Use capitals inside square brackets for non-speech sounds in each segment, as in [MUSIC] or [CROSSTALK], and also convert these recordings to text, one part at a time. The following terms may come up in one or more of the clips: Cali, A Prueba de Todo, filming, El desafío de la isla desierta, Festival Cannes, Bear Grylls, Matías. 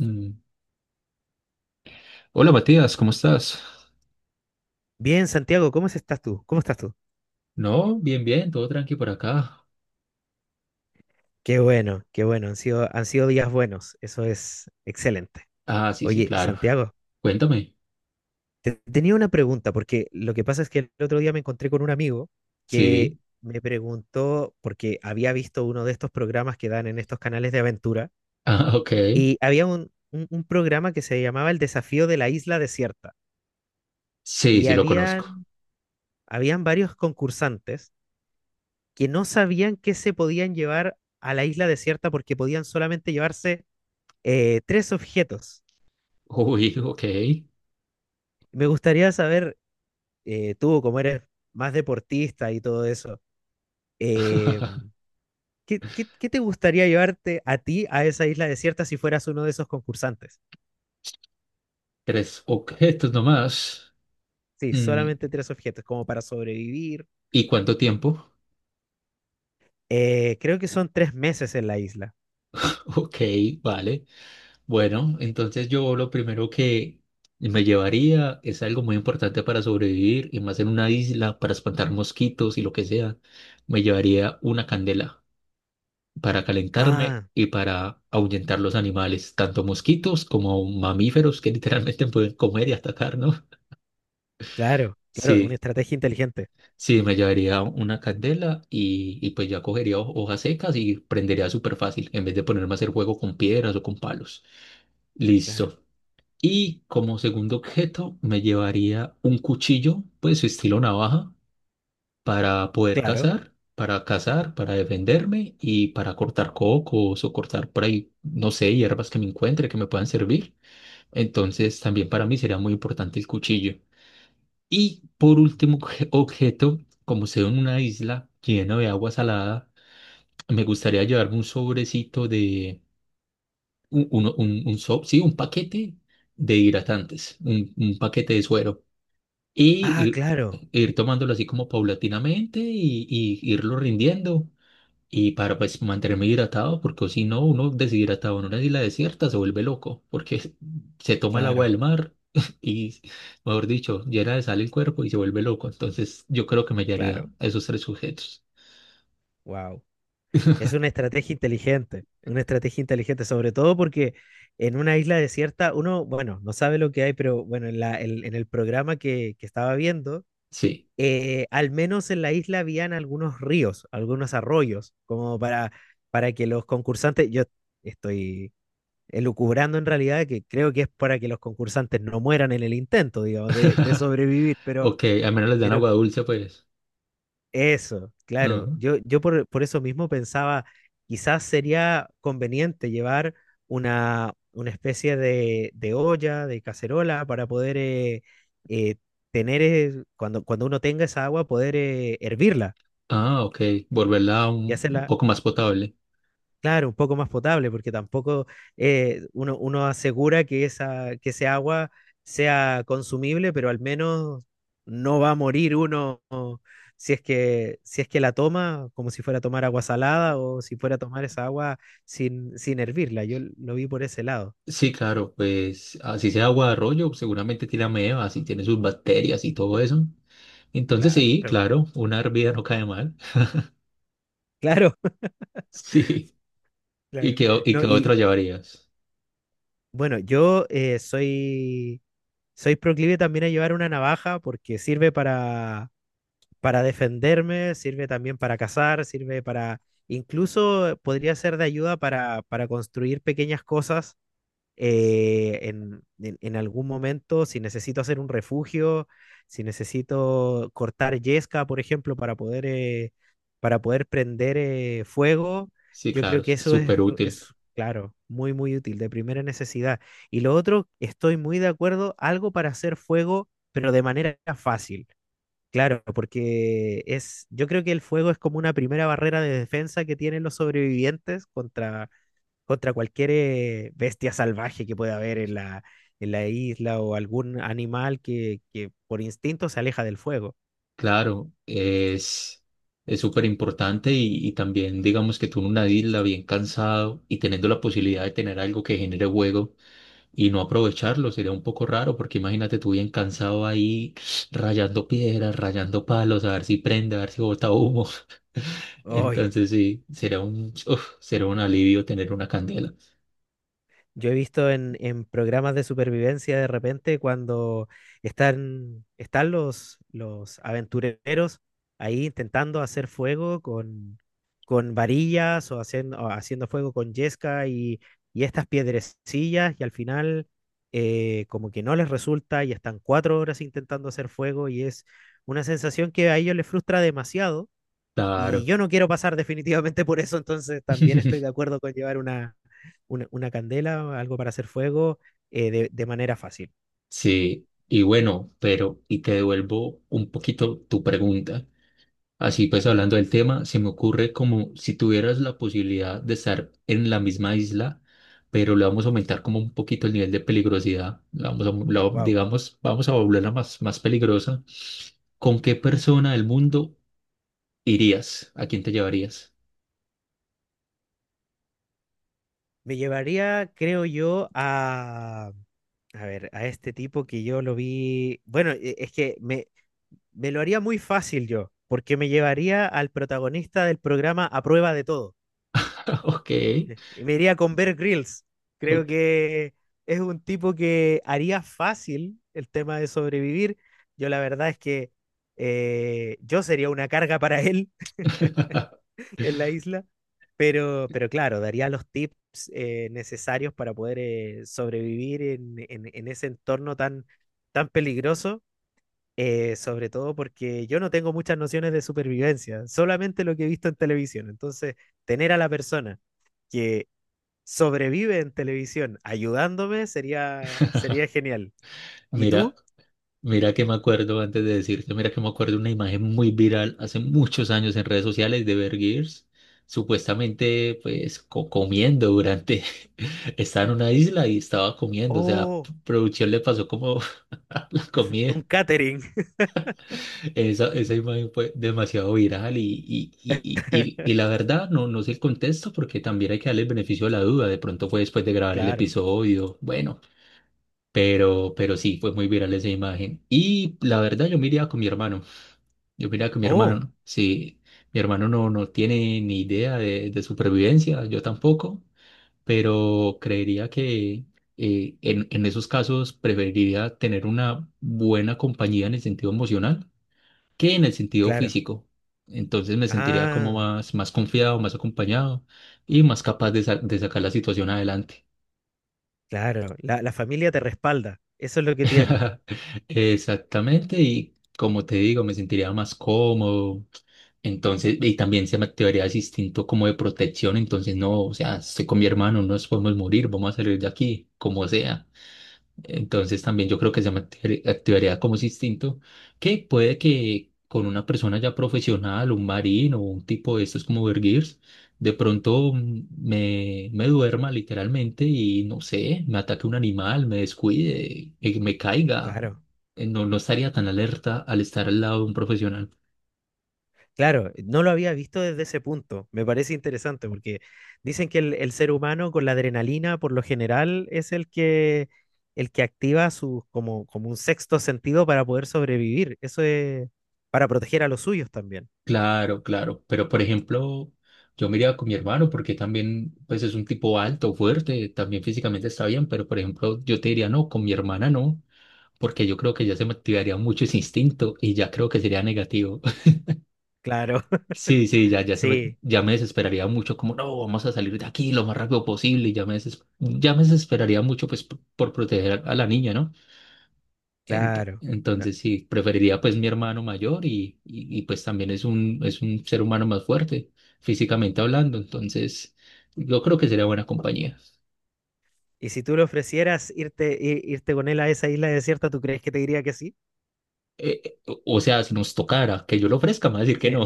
Mm. Hola Matías, ¿cómo estás? Bien, Santiago, ¿ estás tú? ¿Cómo estás tú? No, bien, bien, todo tranqui por acá. Qué bueno, han sido días buenos, eso es excelente. Ah, sí, sí, Oye, claro. Santiago, Cuéntame. te tenía una pregunta, porque lo que pasa es que el otro día me encontré con un amigo que Sí. [LAUGHS] me preguntó, porque había visto uno de estos programas que dan en estos canales de aventura, Ah, ok. y había un programa que se llamaba El desafío de la isla desierta, Sí, y sí, lo conozco. Habían varios concursantes que no sabían qué se podían llevar a la isla desierta porque podían solamente llevarse tres objetos. Uy, [LAUGHS] ok. Me gustaría saber, tú como eres más deportista y todo eso, eh, ¿ qué te gustaría llevarte a ti a esa isla desierta si fueras uno de esos concursantes? Tres objetos nomás. Sí, Mm, solamente tres objetos, como para sobrevivir. ¿Y cuánto tiempo? Creo que son tres meses en la isla. [LAUGHS] Ok, vale. Bueno, entonces yo lo primero que me llevaría es algo muy importante para sobrevivir y más en una isla para espantar mosquitos y lo que sea. Me llevaría una candela, para calentarme Ah, y para ahuyentar los animales, tanto mosquitos como mamíferos que [LAUGHS] literalmente pueden comer y atacar, ¿no? claro, claro, una Sí, estrategia inteligente. sí, me llevaría una candela y pues ya cogería hojas secas y prendería súper fácil, en vez de ponerme a hacer fuego con piedras o con palos. Claro, Listo. Y como segundo objeto me llevaría un cuchillo, pues estilo navaja, para poder claro. cazar, para defenderme y para cortar cocos o cortar por ahí, no sé, hierbas que me encuentre que me puedan servir. Entonces, también para mí sería muy importante el cuchillo. Y por último, objeto, como sea en una isla llena de agua salada, me gustaría llevarme un sobrecito de, un, uno- un so- sí, un paquete de hidratantes, un paquete de suero. Y Ah, ir claro, ir tomándolo así como paulatinamente y irlo rindiendo. Y para pues mantenerme hidratado, porque si no, uno deshidratado en una isla desierta se vuelve loco, porque [LAUGHS] se toma el agua claro, del mar [LAUGHS] y, mejor dicho, llena de sal el cuerpo y se vuelve loco. Entonces yo creo que me hallaría claro. esos tres sujetos. Wow. Es una estrategia inteligente, sobre todo porque en una isla desierta uno, bueno, no sabe lo que hay, pero bueno, en el programa que estaba viendo, Sí. Al menos en la isla habían algunos ríos, algunos arroyos, como para que los concursantes, yo estoy elucubrando en realidad que creo que es para que los concursantes no mueran en el intento, digamos, de [LAUGHS] sobrevivir, Ok, al menos les dan pero agua dulce, pues. eso, claro. Ajá. Yo por eso mismo pensaba, quizás sería conveniente llevar una especie de olla, de cacerola, para poder eh, tener, cuando uno tenga esa agua, poder hervirla Ah, ok. Volverla y un hacerla poco más potable. claro, un poco más potable, porque tampoco uno asegura que esa, que ese agua sea consumible, pero al menos no va a morir uno o, si es que la toma como si fuera a tomar agua salada o si fuera a tomar esa agua sin hervirla. Yo lo vi por ese lado. Sí, claro, pues así sea agua de arroyo, seguramente tiene amebas y tiene sus bacterias y todo eso. Entonces sí, Claro, claro, una hervida no cae mal. claro, [LAUGHS] Sí. [LAUGHS] ¿Y claro. qué, o- y No, qué y otro llevarías? bueno, yo soy proclive también a llevar una navaja porque sirve para defenderme, sirve también para cazar, sirve para, incluso podría ser de ayuda para construir pequeñas cosas en algún momento, si necesito hacer un refugio, si necesito cortar yesca, por ejemplo, para poder prender fuego, Sí, yo claro, creo que es eso súper útil. es, claro, muy, muy útil, de primera necesidad. Y lo otro, estoy muy de acuerdo, algo para hacer fuego, pero de manera fácil. Claro, porque es, yo creo que el fuego es como una primera barrera de defensa que tienen los sobrevivientes contra, contra cualquier bestia salvaje que pueda haber en la isla o algún animal que por instinto se aleja del fuego. Claro, es súper importante y también digamos que tú en una isla bien cansado y teniendo la posibilidad de tener algo que genere juego y no aprovecharlo sería un poco raro, porque imagínate tú bien cansado ahí [SNIFFS] rayando piedras, rayando palos, a ver si prende, a ver si bota humo. [LAUGHS] ¡Ay! Entonces sí, será un alivio tener una candela. Yo he visto en programas de supervivencia de repente cuando están los aventureros ahí intentando hacer fuego con varillas o haciendo fuego con yesca y estas piedrecillas y al final como que no les resulta y están cuatro horas intentando hacer fuego y es una sensación que a ellos les frustra demasiado y Claro. yo no quiero pasar definitivamente por eso, entonces también estoy de [LAUGHS] acuerdo con llevar una candela, algo para hacer fuego, de manera fácil. Sí, y bueno, pero, y te devuelvo un poquito tu pregunta. Así A pues, ver, hablando del tema, se me ocurre como si tuvieras la posibilidad de estar en la misma isla, pero le vamos a aumentar como un poquito el nivel de peligrosidad. La vamos a, la- wow. Digamos, vamos a volverla más, más peligrosa. ¿Con qué persona del mundo irías? ¿A quién te llevarías? Me llevaría, creo yo, a ver, a este tipo que yo lo vi, bueno, me lo haría muy fácil yo, porque me llevaría al protagonista del programa A Prueba de Todo. [LAUGHS] Ok, Me iría con Bear Grylls. Creo ok. que es un tipo que haría fácil el tema de sobrevivir. Yo la verdad es que yo sería una carga para él [LAUGHS] [LAUGHS] en la isla, pero claro, daría los tips necesarios para poder sobrevivir en ese entorno tan, tan peligroso, sobre todo porque yo no tengo muchas nociones de supervivencia, solamente lo que he visto en televisión. Entonces, tener a la persona que sobrevive en televisión ayudándome sería, sería genial. ¿Y Mira, tú? Mira que me acuerdo, antes de decirte, mira que me acuerdo una imagen muy viral hace muchos años en redes sociales de Bear Grylls, supuestamente pues comiendo durante, [LAUGHS] estaba en una isla y estaba comiendo, o sea, Oh, producción le pasó como [LAUGHS] la comida. un catering. Esa imagen fue demasiado viral [LAUGHS] y la verdad no sé el contexto, porque también hay que darle el beneficio de la duda, de pronto fue después de grabar el Claro. episodio, bueno. Pero sí, fue muy viral esa imagen. Y la verdad, yo me iría con mi hermano. Yo me iría con mi Oh, hermano. Sí, mi hermano no tiene ni idea de supervivencia, yo tampoco, pero creería que en esos casos preferiría tener una buena compañía en el sentido emocional que en el sentido claro. físico. Entonces me sentiría como Ah, más, más confiado, más acompañado y más capaz de sacar la situación adelante. claro. La familia te respalda. Eso es lo que tiene. [LAUGHS] Exactamente, y como te digo, me sentiría más cómodo. Entonces, y también se me activaría ese instinto como de protección. Entonces, no, o sea, estoy con mi hermano, no nos podemos morir, vamos a salir de aquí, como sea. Entonces también yo creo que se me activaría como ese instinto, que puede que con una persona ya profesional, un marino o un tipo de estos como Bear, de pronto me duerma literalmente y no sé, me ataque un animal, me descuide, me caiga. Claro. No, no estaría tan alerta al estar al lado de un profesional. Claro, no lo había visto desde ese punto. Me parece interesante porque dicen que el ser humano con la adrenalina por lo general es el el que activa su, como, como un sexto sentido para poder sobrevivir. Eso es para proteger a los suyos también. Claro, claro. Pero por ejemplo, yo me iría con mi hermano porque también pues es un tipo alto, fuerte, también físicamente está bien, pero por ejemplo yo te diría no, con mi hermana no. Porque yo creo que ya se me activaría mucho ese instinto y ya creo que sería negativo. [LAUGHS] Claro. Sí, sí, ya, ya, Sí, ya me desesperaría mucho, como no, vamos a salir de aquí lo más rápido posible, y ya me desesperaría mucho pues por proteger a la niña, ¿no? Claro. No. Entonces sí, preferiría pues mi hermano mayor y, pues también es un ser humano más fuerte, físicamente hablando, entonces yo creo que sería buena compañía. Y si tú le ofrecieras irte, irte con él a esa isla desierta, ¿tú crees que te diría que sí? O sea, si nos tocara que yo lo ofrezca, me va a decir que Sí. no.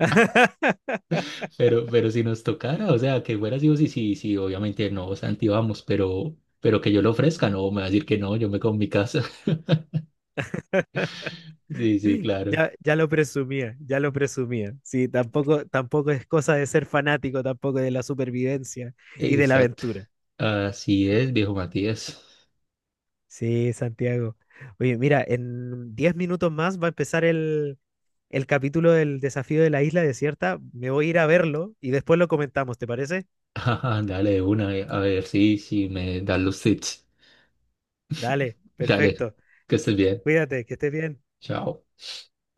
[LAUGHS] Pero si nos tocara, o sea, que fuera así, o sí, sí, sí, obviamente no, Santi, vamos, pero que yo lo ofrezca, no, me va a decir que no, yo me quedo en mi casa. [LAUGHS] Sí, sí, claro. Ya, ya lo presumía, ya lo presumía. Sí, tampoco, tampoco es cosa de ser fanático, tampoco de la supervivencia y de la Exacto. aventura. Así es, viejo Matías. Sí, Santiago. Oye, mira, en 10 minutos más va a empezar el capítulo del desafío de la isla desierta. Me voy a ir a verlo y después lo comentamos, ¿te parece? [LAUGHS] Ajá, dale de una, a ver si me dan los tips. Dale, Dale, perfecto. que estés bien. Cuídate, que estés bien. Chao.